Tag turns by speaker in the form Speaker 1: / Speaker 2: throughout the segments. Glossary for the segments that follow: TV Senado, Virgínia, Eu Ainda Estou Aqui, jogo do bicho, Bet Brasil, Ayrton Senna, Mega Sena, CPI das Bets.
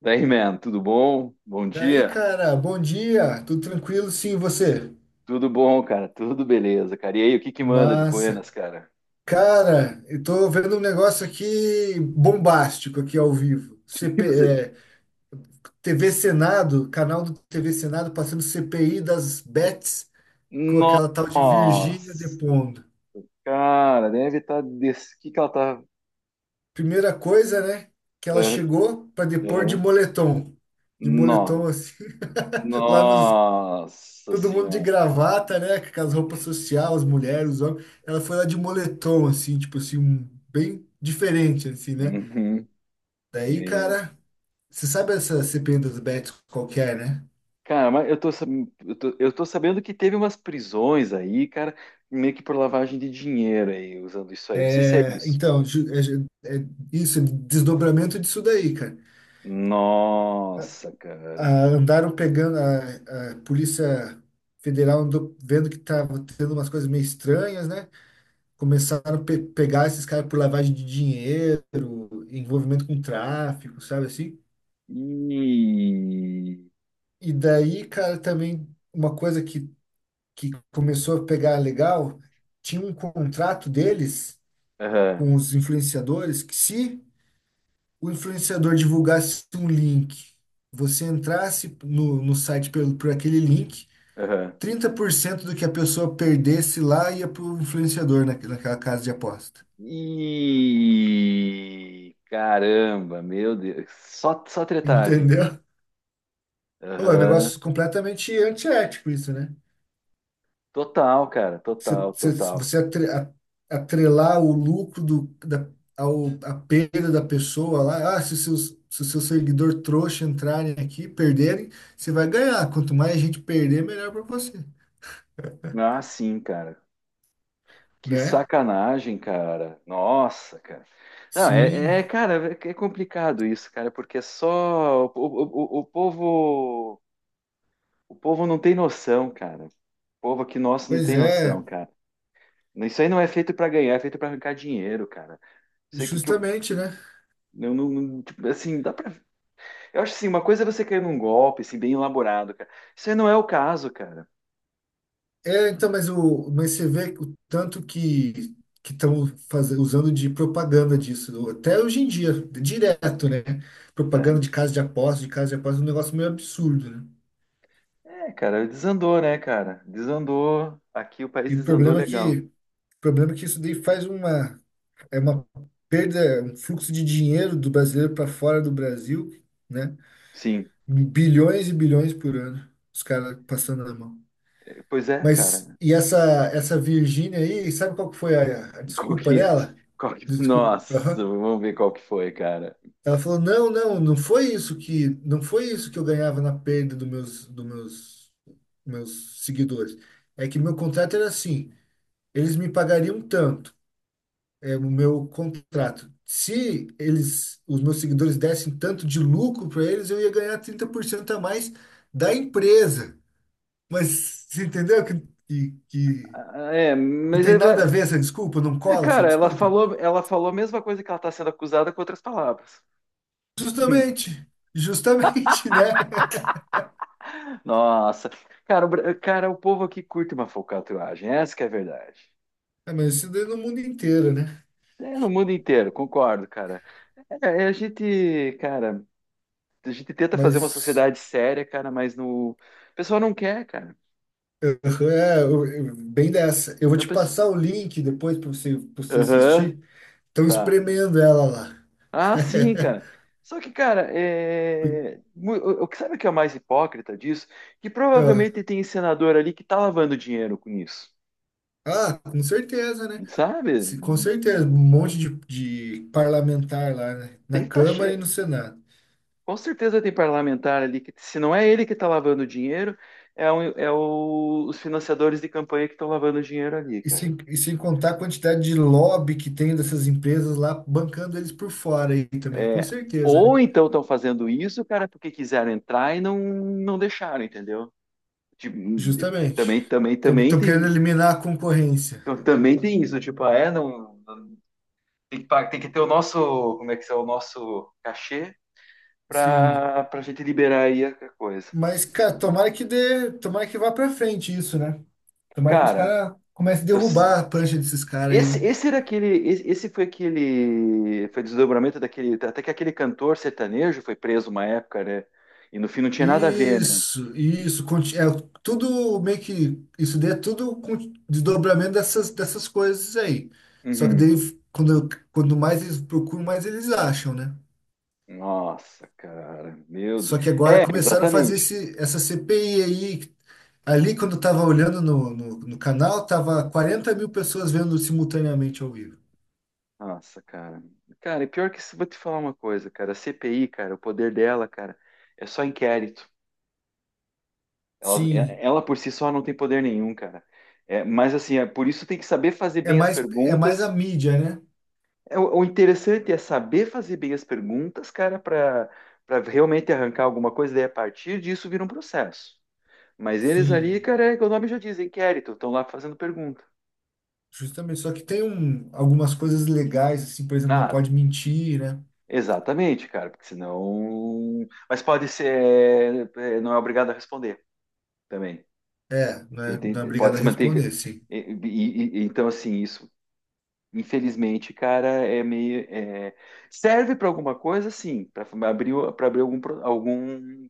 Speaker 1: Tudo bom? Bom
Speaker 2: Daí,
Speaker 1: dia.
Speaker 2: cara, bom dia, tudo tranquilo? Sim, e você?
Speaker 1: Tudo bom, cara? Tudo beleza, cara. E aí, o que que manda de
Speaker 2: Massa.
Speaker 1: Buenas, cara?
Speaker 2: Cara, eu tô vendo um negócio aqui bombástico aqui ao vivo.
Speaker 1: O que
Speaker 2: CP,
Speaker 1: você...
Speaker 2: é, TV Senado, canal do TV Senado passando CPI das bets com aquela tal de Virgínia
Speaker 1: Nossa,
Speaker 2: depondo.
Speaker 1: cara, deve estar... Des... O que que ela tá...
Speaker 2: Primeira coisa, né, que ela
Speaker 1: Aham,
Speaker 2: chegou para depor de
Speaker 1: aham.
Speaker 2: moletom. De
Speaker 1: No-
Speaker 2: moletom assim, lá no
Speaker 1: Nossa
Speaker 2: todo mundo de
Speaker 1: senhora.
Speaker 2: gravata, né? Com aquelas roupas social, as mulheres, os homens. Ela foi lá de moletom, assim, tipo assim, bem diferente, assim, né?
Speaker 1: Uhum.
Speaker 2: Daí,
Speaker 1: Me-
Speaker 2: cara, você sabe essa CPI das Bets qualquer, né?
Speaker 1: Cara, mas eu tô sabendo que teve umas prisões aí, cara, meio que por lavagem de dinheiro aí, usando isso aí. Não sei se é
Speaker 2: É,
Speaker 1: isso.
Speaker 2: então, é isso, é desdobramento disso daí, cara.
Speaker 1: Nossa, cara.
Speaker 2: Ah, andaram pegando a Polícia Federal, andou vendo que tava tendo umas coisas meio estranhas, né? Começaram a pe pegar esses caras por lavagem de dinheiro, envolvimento com tráfico, sabe assim?
Speaker 1: E.
Speaker 2: E daí, cara, também uma coisa que começou a pegar legal, tinha um contrato deles
Speaker 1: Aham,
Speaker 2: com os influenciadores que, se o influenciador divulgasse um link, você entrasse no site por aquele link,
Speaker 1: aham.
Speaker 2: 30% do que a pessoa perdesse lá ia para o influenciador naquela casa de aposta.
Speaker 1: E. Caramba, meu Deus. Só tretagem.
Speaker 2: Entendeu? Pô, é um
Speaker 1: Aham.
Speaker 2: negócio completamente antiético isso, né?
Speaker 1: Total, cara.
Speaker 2: Você,
Speaker 1: Total,
Speaker 2: você,
Speaker 1: total.
Speaker 2: você atrelar o lucro do, da, a perda da pessoa lá, ah, se o seu seguidor trouxa entrarem aqui, perderem, você vai ganhar. Quanto mais gente perder, melhor para você,
Speaker 1: Ah, sim, cara. Que
Speaker 2: né?
Speaker 1: sacanagem, cara. Nossa, cara. Não,
Speaker 2: Sim,
Speaker 1: é, é, cara, é complicado isso, cara, porque só o povo, o povo não tem noção, cara. O povo aqui nosso não
Speaker 2: pois
Speaker 1: tem noção,
Speaker 2: é,
Speaker 1: cara. Isso aí não é feito pra ganhar, é feito pra arrancar dinheiro, cara. Sei o que que eu.
Speaker 2: justamente, né?
Speaker 1: Tipo, assim, dá pra. Eu acho assim, uma coisa é você cair num golpe, assim, bem elaborado, cara. Isso aí não é o caso, cara.
Speaker 2: É, então, mas, mas você vê o tanto que estão fazendo, usando de propaganda disso, até hoje em dia, direto, né?
Speaker 1: É,
Speaker 2: Propaganda de casa de aposta, de casa de aposta, é um negócio meio absurdo, né?
Speaker 1: é, cara, desandou, né, cara? Desandou. Aqui o país
Speaker 2: E o
Speaker 1: desandou
Speaker 2: problema é
Speaker 1: legal.
Speaker 2: que O problema é que isso daí faz é uma perda, um fluxo de dinheiro do brasileiro para fora do Brasil, né?
Speaker 1: Sim.
Speaker 2: Bilhões e bilhões por ano, os caras passando na mão.
Speaker 1: Pois é,
Speaker 2: Mas,
Speaker 1: cara.
Speaker 2: e essa Virgínia aí, sabe qual que foi a
Speaker 1: E qual
Speaker 2: desculpa
Speaker 1: que, é?
Speaker 2: dela?
Speaker 1: Qual que-
Speaker 2: Desculpa.
Speaker 1: Nossa,
Speaker 2: Aham.
Speaker 1: vamos ver qual que foi, cara.
Speaker 2: Ela falou, não, não, não foi isso que eu ganhava na perda dos meus, meus seguidores. É que meu contrato era assim, eles me pagariam tanto. É, o meu contrato. Se eles, os meus seguidores dessem tanto de lucro para eles, eu ia ganhar 30% a mais da empresa. Mas você entendeu que
Speaker 1: Ah, é,
Speaker 2: não
Speaker 1: mas
Speaker 2: tem
Speaker 1: é,
Speaker 2: nada a ver essa desculpa? Não
Speaker 1: é,
Speaker 2: cola essa
Speaker 1: cara, ela
Speaker 2: desculpa?
Speaker 1: falou, ela falou a mesma coisa que ela tá sendo acusada com outras palavras.
Speaker 2: Justamente, justamente, né?
Speaker 1: Nossa, cara, o, Bra- cara, o povo aqui curte uma falcatruagem, essa que é a verdade.
Speaker 2: É, mas isso daí é no mundo inteiro, né?
Speaker 1: É, no mundo inteiro, concordo, cara. É, é, a gente, cara, a gente tenta fazer uma
Speaker 2: Mas
Speaker 1: sociedade séria, cara, mas no... o pessoal não quer, cara.
Speaker 2: é, eu- bem dessa. Eu vou
Speaker 1: O
Speaker 2: te
Speaker 1: pessoal...
Speaker 2: passar o link depois pra você
Speaker 1: Aham,
Speaker 2: assistir. Estão
Speaker 1: tá.
Speaker 2: espremendo ela lá.
Speaker 1: Ah, sim, cara. Só que, cara, é... mu- o que sabe o que é o mais hipócrita disso? Que
Speaker 2: Aham.
Speaker 1: provavelmente tem senador ali que tá lavando dinheiro com isso,
Speaker 2: Ah, com certeza, né?
Speaker 1: sabe?
Speaker 2: Com certeza, um monte de parlamentar lá, né?
Speaker 1: Tem
Speaker 2: Na
Speaker 1: que tá che...
Speaker 2: Câmara e no Senado.
Speaker 1: Com certeza tem parlamentar ali que, se não é ele que está lavando dinheiro, é, um- é o- os financiadores de campanha que estão lavando dinheiro ali,
Speaker 2: E
Speaker 1: cara.
Speaker 2: sem, e sem contar a quantidade de lobby que tem dessas empresas lá bancando eles por fora aí também, com
Speaker 1: É.
Speaker 2: certeza, né?
Speaker 1: Ou então estão fazendo isso, cara, porque quiseram entrar e não, não deixaram, entendeu? Tipo,
Speaker 2: Justamente.
Speaker 1: também
Speaker 2: Estão querendo
Speaker 1: tem,
Speaker 2: eliminar a concorrência.
Speaker 1: então, também tem isso, tipo, ah, é, não, não- tem que, pa- tem que ter o nosso, como é que é, o nosso cachê
Speaker 2: Sim.
Speaker 1: para gente liberar aí a coisa.
Speaker 2: Mas, cara, tomara que dê, tomara que vá pra frente isso, né? Tomara que os
Speaker 1: Cara,
Speaker 2: caras comecem a
Speaker 1: eu,
Speaker 2: derrubar a prancha desses caras aí, né?
Speaker 1: esse era aquele, esse foi aquele, foi desdobramento daquele, até que aquele cantor sertanejo foi preso uma época, né? E no fim não tinha nada a ver, né?
Speaker 2: Isso, é tudo meio que isso daí é tudo com desdobramento dessas coisas aí. Só que
Speaker 1: Uhum.
Speaker 2: daí quando mais eles procuram, mais eles acham, né?
Speaker 1: Nossa, cara, meu Deus.
Speaker 2: Só que agora
Speaker 1: É,
Speaker 2: começaram a fazer
Speaker 1: exatamente.
Speaker 2: essa CPI aí. Ali, quando eu tava olhando no canal, tava 40.000 pessoas vendo simultaneamente ao vivo.
Speaker 1: Nossa, cara. Cara, e pior que isso, vou te falar uma coisa, cara. A CPI, cara, o poder dela, cara, é só inquérito. Ela,
Speaker 2: Sim,
Speaker 1: ela por si só não tem poder nenhum, cara. É, mas assim, é, por isso tem que saber fazer bem as
Speaker 2: É mais a
Speaker 1: perguntas.
Speaker 2: mídia, né?
Speaker 1: É, o interessante é saber fazer bem as perguntas, cara, para realmente arrancar alguma coisa, daí a partir disso vira um processo. Mas eles ali,
Speaker 2: Sim.
Speaker 1: cara, é que o nome já diz, inquérito, estão lá fazendo pergunta.
Speaker 2: Justamente. Só que tem algumas coisas legais, assim, por exemplo, não
Speaker 1: Ah,
Speaker 2: pode mentir, né?
Speaker 1: exatamente, cara, porque senão. Mas pode ser. É, é, não é obrigado a responder também.
Speaker 2: É,
Speaker 1: Tem-
Speaker 2: né, não é
Speaker 1: tem- pode
Speaker 2: obrigado a
Speaker 1: se manter.
Speaker 2: responder, sim.
Speaker 1: E- e- então, assim, isso, infelizmente, cara, é meio. É- serve para alguma coisa, sim, para abrir algum, pro- algum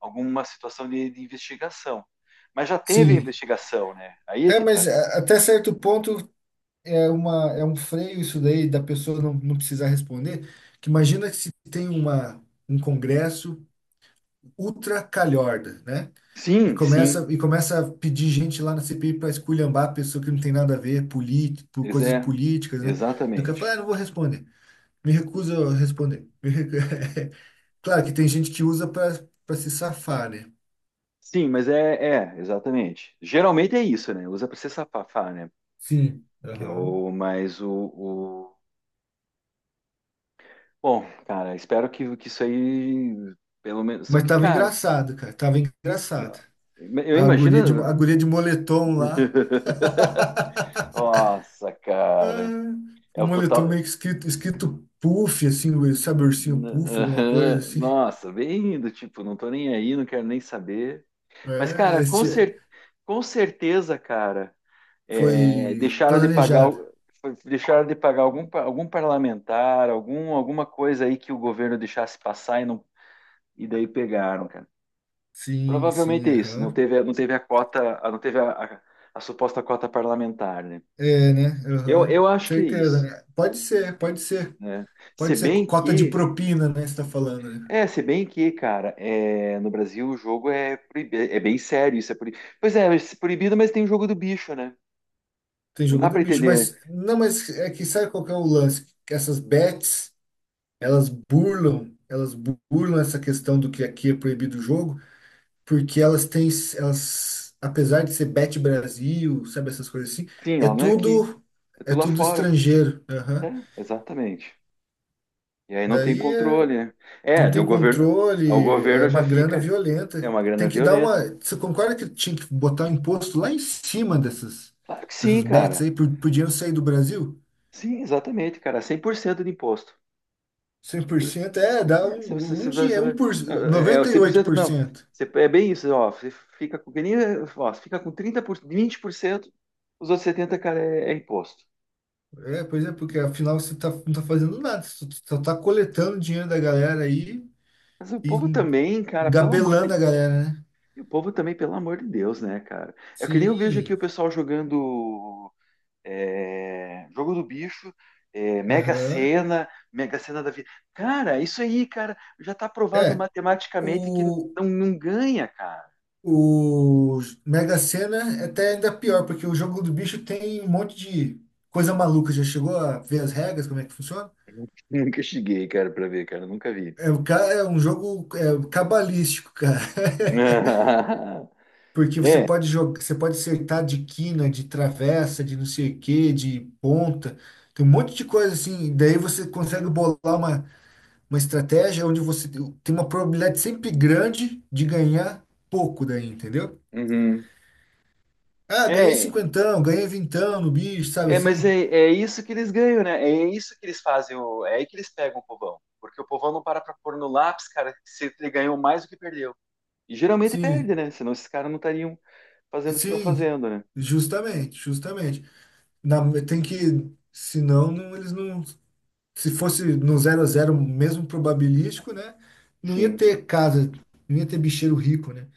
Speaker 1: alguma situação de investigação. Mas já teve
Speaker 2: Sim,
Speaker 1: investigação, né? Aí é
Speaker 2: é,
Speaker 1: que tá.
Speaker 2: mas até certo ponto é é um freio isso daí da pessoa não precisar responder. Que imagina que se tem um congresso ultra calhorda, né?
Speaker 1: Sim.
Speaker 2: E começa a pedir gente lá na CPI para esculhambar a pessoa que não tem nada a ver, por
Speaker 1: Ex-
Speaker 2: coisas
Speaker 1: é,
Speaker 2: políticas, né? Do que
Speaker 1: exatamente.
Speaker 2: falar, ah, não vou responder. Me recuso a responder. Claro que tem gente que usa para se safar, né?
Speaker 1: Sim, mas é, é, exatamente. Geralmente é isso, né? Usa para se safar, né?
Speaker 2: Sim.
Speaker 1: Que é o mais o- Bom, cara, espero que isso aí, pelo menos. Só
Speaker 2: Mas
Speaker 1: que,
Speaker 2: tava
Speaker 1: cara,
Speaker 2: engraçado, cara. Tava engraçado.
Speaker 1: eu
Speaker 2: A
Speaker 1: imagino.
Speaker 2: guria de moletom lá.
Speaker 1: Nossa, cara.
Speaker 2: Ah, o
Speaker 1: É o
Speaker 2: moletom
Speaker 1: total.
Speaker 2: meio que escrito puff, assim, sabe, ursinho puff, alguma coisa assim.
Speaker 1: Nossa, bem do tipo, não tô nem aí, não quero nem saber. Mas,
Speaker 2: É,
Speaker 1: cara, com,
Speaker 2: este
Speaker 1: cer com certeza, cara, é,
Speaker 2: foi
Speaker 1: deixaram de pagar,
Speaker 2: planejado.
Speaker 1: o- foi- deixaram de pagar algum, pa- algum parlamentar, algum, alguma coisa aí que o governo deixasse passar e, não, e daí pegaram, cara.
Speaker 2: Sim, sim,
Speaker 1: Provavelmente é isso. Não
Speaker 2: aham.
Speaker 1: teve, não teve a cota, a- não teve a suposta cota parlamentar, né?
Speaker 2: É, né?
Speaker 1: Eu,
Speaker 2: Aham.
Speaker 1: eu acho que é
Speaker 2: Certeza,
Speaker 1: isso,
Speaker 2: né? Pode ser, pode ser.
Speaker 1: né? Se
Speaker 2: Pode ser
Speaker 1: bem
Speaker 2: cota de
Speaker 1: que,
Speaker 2: propina, né? Você tá falando, né?
Speaker 1: é, se bem que, cara, é, no Brasil o jogo é, proibi- é bem sério, isso é proibido. Pois é, é proibido, mas tem o jogo do bicho, né?
Speaker 2: Tem
Speaker 1: Não
Speaker 2: jogo
Speaker 1: dá
Speaker 2: do
Speaker 1: para
Speaker 2: bicho,
Speaker 1: entender.
Speaker 2: mas não, mas é que sabe qual que é o lance? Que essas bets. Elas burlam essa questão do que aqui é proibido o jogo, porque elas, apesar de ser Bet Brasil, sabe essas coisas assim,
Speaker 1: Sim,
Speaker 2: é
Speaker 1: ela não é aqui.
Speaker 2: tudo,
Speaker 1: É
Speaker 2: é
Speaker 1: tudo lá
Speaker 2: tudo
Speaker 1: fora.
Speaker 2: estrangeiro.
Speaker 1: É,
Speaker 2: Aham.
Speaker 1: exatamente. E aí não tem
Speaker 2: Daí
Speaker 1: controle, né? É,
Speaker 2: não
Speaker 1: daí
Speaker 2: tem
Speaker 1: o
Speaker 2: controle, é
Speaker 1: governo já
Speaker 2: uma grana
Speaker 1: fica.
Speaker 2: violenta.
Speaker 1: É uma grana
Speaker 2: Tem que dar uma.
Speaker 1: violenta.
Speaker 2: Você concorda que tinha que botar um imposto lá em cima
Speaker 1: Claro que sim,
Speaker 2: dessas bets aí,
Speaker 1: cara.
Speaker 2: por dinheiro sair do Brasil?
Speaker 1: Sim, exatamente, cara. É 100% de imposto.
Speaker 2: 100%, dá
Speaker 1: É, se você-
Speaker 2: um, um
Speaker 1: se
Speaker 2: dia, um
Speaker 1: você-
Speaker 2: por,
Speaker 1: é, é,
Speaker 2: noventa e oito
Speaker 1: 100%
Speaker 2: por
Speaker 1: não.
Speaker 2: cento.
Speaker 1: Você- É bem isso, ó. Você fica com, que nem- ó, você fica com trinta por cento vinte por cento, os outros 70, cara, é, é imposto.
Speaker 2: É, pois é, porque afinal você tá, não tá fazendo nada, você só tá coletando dinheiro da galera aí
Speaker 1: Mas o
Speaker 2: e
Speaker 1: povo também, cara, pelo amor
Speaker 2: engabelando
Speaker 1: de
Speaker 2: a galera, né?
Speaker 1: E o povo também, pelo amor de Deus, né, cara? É que nem eu vejo aqui o
Speaker 2: Sim,
Speaker 1: pessoal jogando é, jogo do bicho, é, Mega
Speaker 2: aham.
Speaker 1: Sena, Mega Sena da vida. Cara, isso aí, cara, já tá provado
Speaker 2: É,
Speaker 1: matematicamente que
Speaker 2: o,
Speaker 1: não, não ganha, cara.
Speaker 2: o Mega Sena é até ainda pior, porque o jogo do bicho tem um monte de coisa maluca. Já chegou a ver as regras, como é que funciona?
Speaker 1: Nunca cheguei, cara, pra ver, cara, nunca vi.
Speaker 2: É, é um jogo, cabalístico, cara. Porque você
Speaker 1: É,
Speaker 2: pode jogar, você pode acertar de quina, de travessa, de não sei o quê, de ponta. Tem um monte de coisa assim. Daí você consegue bolar uma estratégia onde você tem uma probabilidade sempre grande de ganhar pouco daí, entendeu?
Speaker 1: uhum.
Speaker 2: Ah, ganhei
Speaker 1: É,
Speaker 2: cinquentão, ganhei vintão no bicho, sabe
Speaker 1: é, mas
Speaker 2: assim?
Speaker 1: é, é isso que eles ganham, né? É isso que eles fazem, o- é aí que eles pegam o povão. Porque o povão não para pra pôr no lápis, cara, se ele ganhou mais do que perdeu. E geralmente perde,
Speaker 2: Sim,
Speaker 1: né? Senão esses caras não estariam fazendo o que estão
Speaker 2: sim,
Speaker 1: fazendo, né?
Speaker 2: justamente, justamente. Na- Tem que, senão não, eles não. Se fosse no zero a zero mesmo probabilístico, né? Não ia
Speaker 1: Sim.
Speaker 2: ter casa, não ia ter bicheiro rico, né?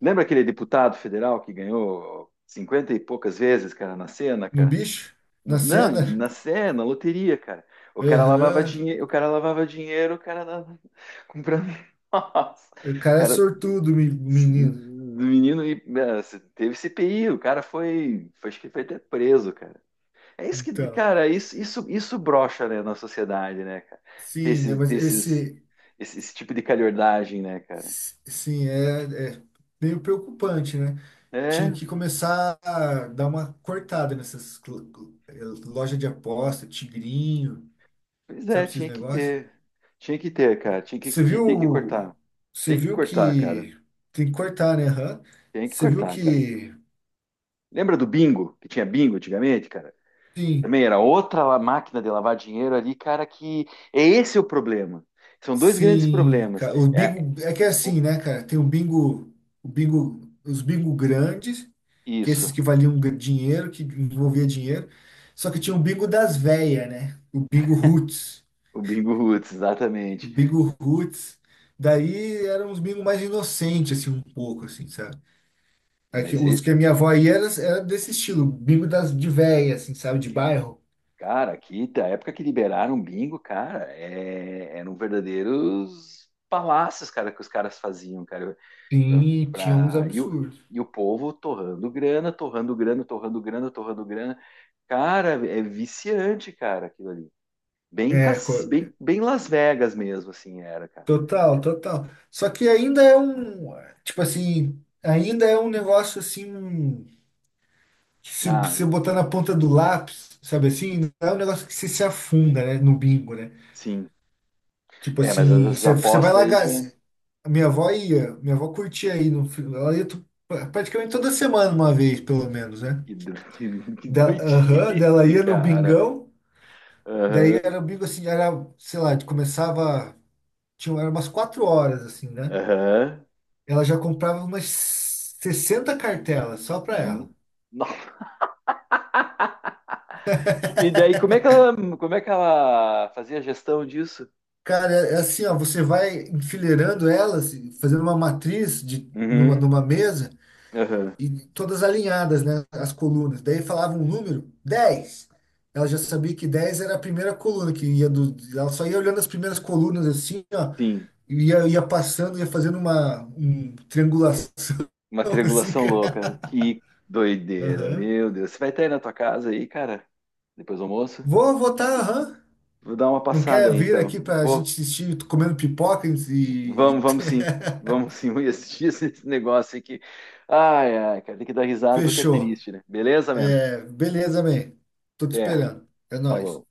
Speaker 1: Lembra aquele deputado federal que ganhou 50 e poucas vezes, cara, na cena,
Speaker 2: No
Speaker 1: cara?
Speaker 2: bicho, na
Speaker 1: Não,
Speaker 2: cena,
Speaker 1: na cena, na loteria, cara.
Speaker 2: aham,
Speaker 1: O cara dava- comprando. Nossa,
Speaker 2: o
Speaker 1: o
Speaker 2: cara é
Speaker 1: cara,
Speaker 2: sortudo,
Speaker 1: do
Speaker 2: menino.
Speaker 1: menino e- eh, teve CPI, o cara foi, foi, acho que foi até preso, cara. É isso que,
Speaker 2: Então,
Speaker 1: cara, isso brocha, né, na sociedade, né, cara? Ter
Speaker 2: sim, né?
Speaker 1: esses,
Speaker 2: Mas
Speaker 1: ter esses,
Speaker 2: esse,
Speaker 1: Esse, esse tipo de calhordagem, né, cara?
Speaker 2: sim, é meio preocupante, né? Tinha
Speaker 1: É,
Speaker 2: que começar a dar uma cortada nessas loja de aposta, tigrinho,
Speaker 1: pois é,
Speaker 2: sabe esses
Speaker 1: tinha que
Speaker 2: negócios?
Speaker 1: ter. Tinha que ter, cara. Tinha que,
Speaker 2: Você
Speaker 1: ti- tem que
Speaker 2: viu,
Speaker 1: cortar.
Speaker 2: você
Speaker 1: Tem que
Speaker 2: viu
Speaker 1: cortar, cara.
Speaker 2: que tem que cortar, né? Aham.
Speaker 1: Tem que
Speaker 2: Você viu
Speaker 1: cortar, cara.
Speaker 2: que
Speaker 1: Lembra do bingo? Que tinha bingo antigamente, cara?
Speaker 2: sim,
Speaker 1: Também era outra la- máquina de lavar dinheiro ali, cara, que é esse o problema. São dois grandes
Speaker 2: sim,
Speaker 1: problemas.
Speaker 2: cara, o
Speaker 1: É,
Speaker 2: bingo é que é
Speaker 1: o-
Speaker 2: assim, né, cara? Tem o bingo, os bingo grandes, que é esses
Speaker 1: isso,
Speaker 2: que valiam dinheiro, que envolvia dinheiro. Só que tinha o bingo das véias, né? O bingo roots,
Speaker 1: o bingo roots,
Speaker 2: o
Speaker 1: exatamente.
Speaker 2: bingo roots. Daí eram uns bingo mais inocentes, assim, um pouco, assim, sabe? Aqui,
Speaker 1: Mas,
Speaker 2: os
Speaker 1: e-
Speaker 2: que a minha avó ia era, desse estilo, bingo das de véia, assim, sabe, de bairro.
Speaker 1: cara, aqui, da época que liberaram o bingo, cara, é, eram verdadeiros palácios, cara, que os caras faziam, cara. Pra,
Speaker 2: Sim, tinha uns
Speaker 1: pra- e, o,
Speaker 2: absurdos.
Speaker 1: e o povo torrando grana. Cara, é viciante, cara, aquilo ali. Bem,
Speaker 2: É,
Speaker 1: cas- bem, bem Las Vegas mesmo, assim, era, cara.
Speaker 2: total, total. Só que ainda é um, tipo assim, ainda é um negócio assim, que se
Speaker 1: Ah,
Speaker 2: você botar na ponta do lápis, sabe assim, não é um negócio que você se afunda, né, no bingo, né?
Speaker 1: sim.
Speaker 2: Tipo
Speaker 1: É, mas
Speaker 2: assim,
Speaker 1: essas
Speaker 2: você vai
Speaker 1: apostas
Speaker 2: lá,
Speaker 1: aí já.
Speaker 2: a minha avó ia, minha avó curtia aí, no, fi- ela ia praticamente toda semana, uma vez, pelo menos, né?
Speaker 1: Que, do- que
Speaker 2: Dela, aham, dela
Speaker 1: doidice,
Speaker 2: ia no
Speaker 1: cara.
Speaker 2: bingão, daí era o bingo assim, era, sei lá, começava. Eram umas 4 horas, assim, né?
Speaker 1: Aham.
Speaker 2: Ela já comprava umas 60 cartelas só para ela.
Speaker 1: Hum. Nó. E daí, como é que ela fazia a gestão disso?
Speaker 2: Cara, é assim, ó, você vai enfileirando elas, fazendo uma matriz
Speaker 1: Uhum.
Speaker 2: numa mesa,
Speaker 1: Aham.
Speaker 2: e todas alinhadas, né, as colunas. Daí falava um número, 10. Ela já sabia que 10 era a primeira coluna, que ela só ia olhando as primeiras colunas assim, ó,
Speaker 1: Sim.
Speaker 2: e ia passando, ia fazendo uma triangulação
Speaker 1: Uma
Speaker 2: assim,
Speaker 1: triangulação
Speaker 2: cara.
Speaker 1: louca. Que doideira,
Speaker 2: Aham.
Speaker 1: meu Deus. Você vai estar aí na tua casa aí, cara? Depois do almoço?
Speaker 2: Vou votar, aham.
Speaker 1: Vou dar uma
Speaker 2: Não
Speaker 1: passada
Speaker 2: quer
Speaker 1: aí,
Speaker 2: vir aqui
Speaker 1: então.
Speaker 2: pra gente
Speaker 1: Vou.
Speaker 2: assistir comendo pipoca
Speaker 1: Vamos,
Speaker 2: e-
Speaker 1: vamos sim. Vamos sim. Vamos assistir esse negócio aqui. Ai, ai, cara, tem que dar risada porque é
Speaker 2: Fechou.
Speaker 1: triste, né? Beleza, mano?
Speaker 2: É, beleza, man. Tô te
Speaker 1: Até.
Speaker 2: esperando. É nóis.
Speaker 1: Falou.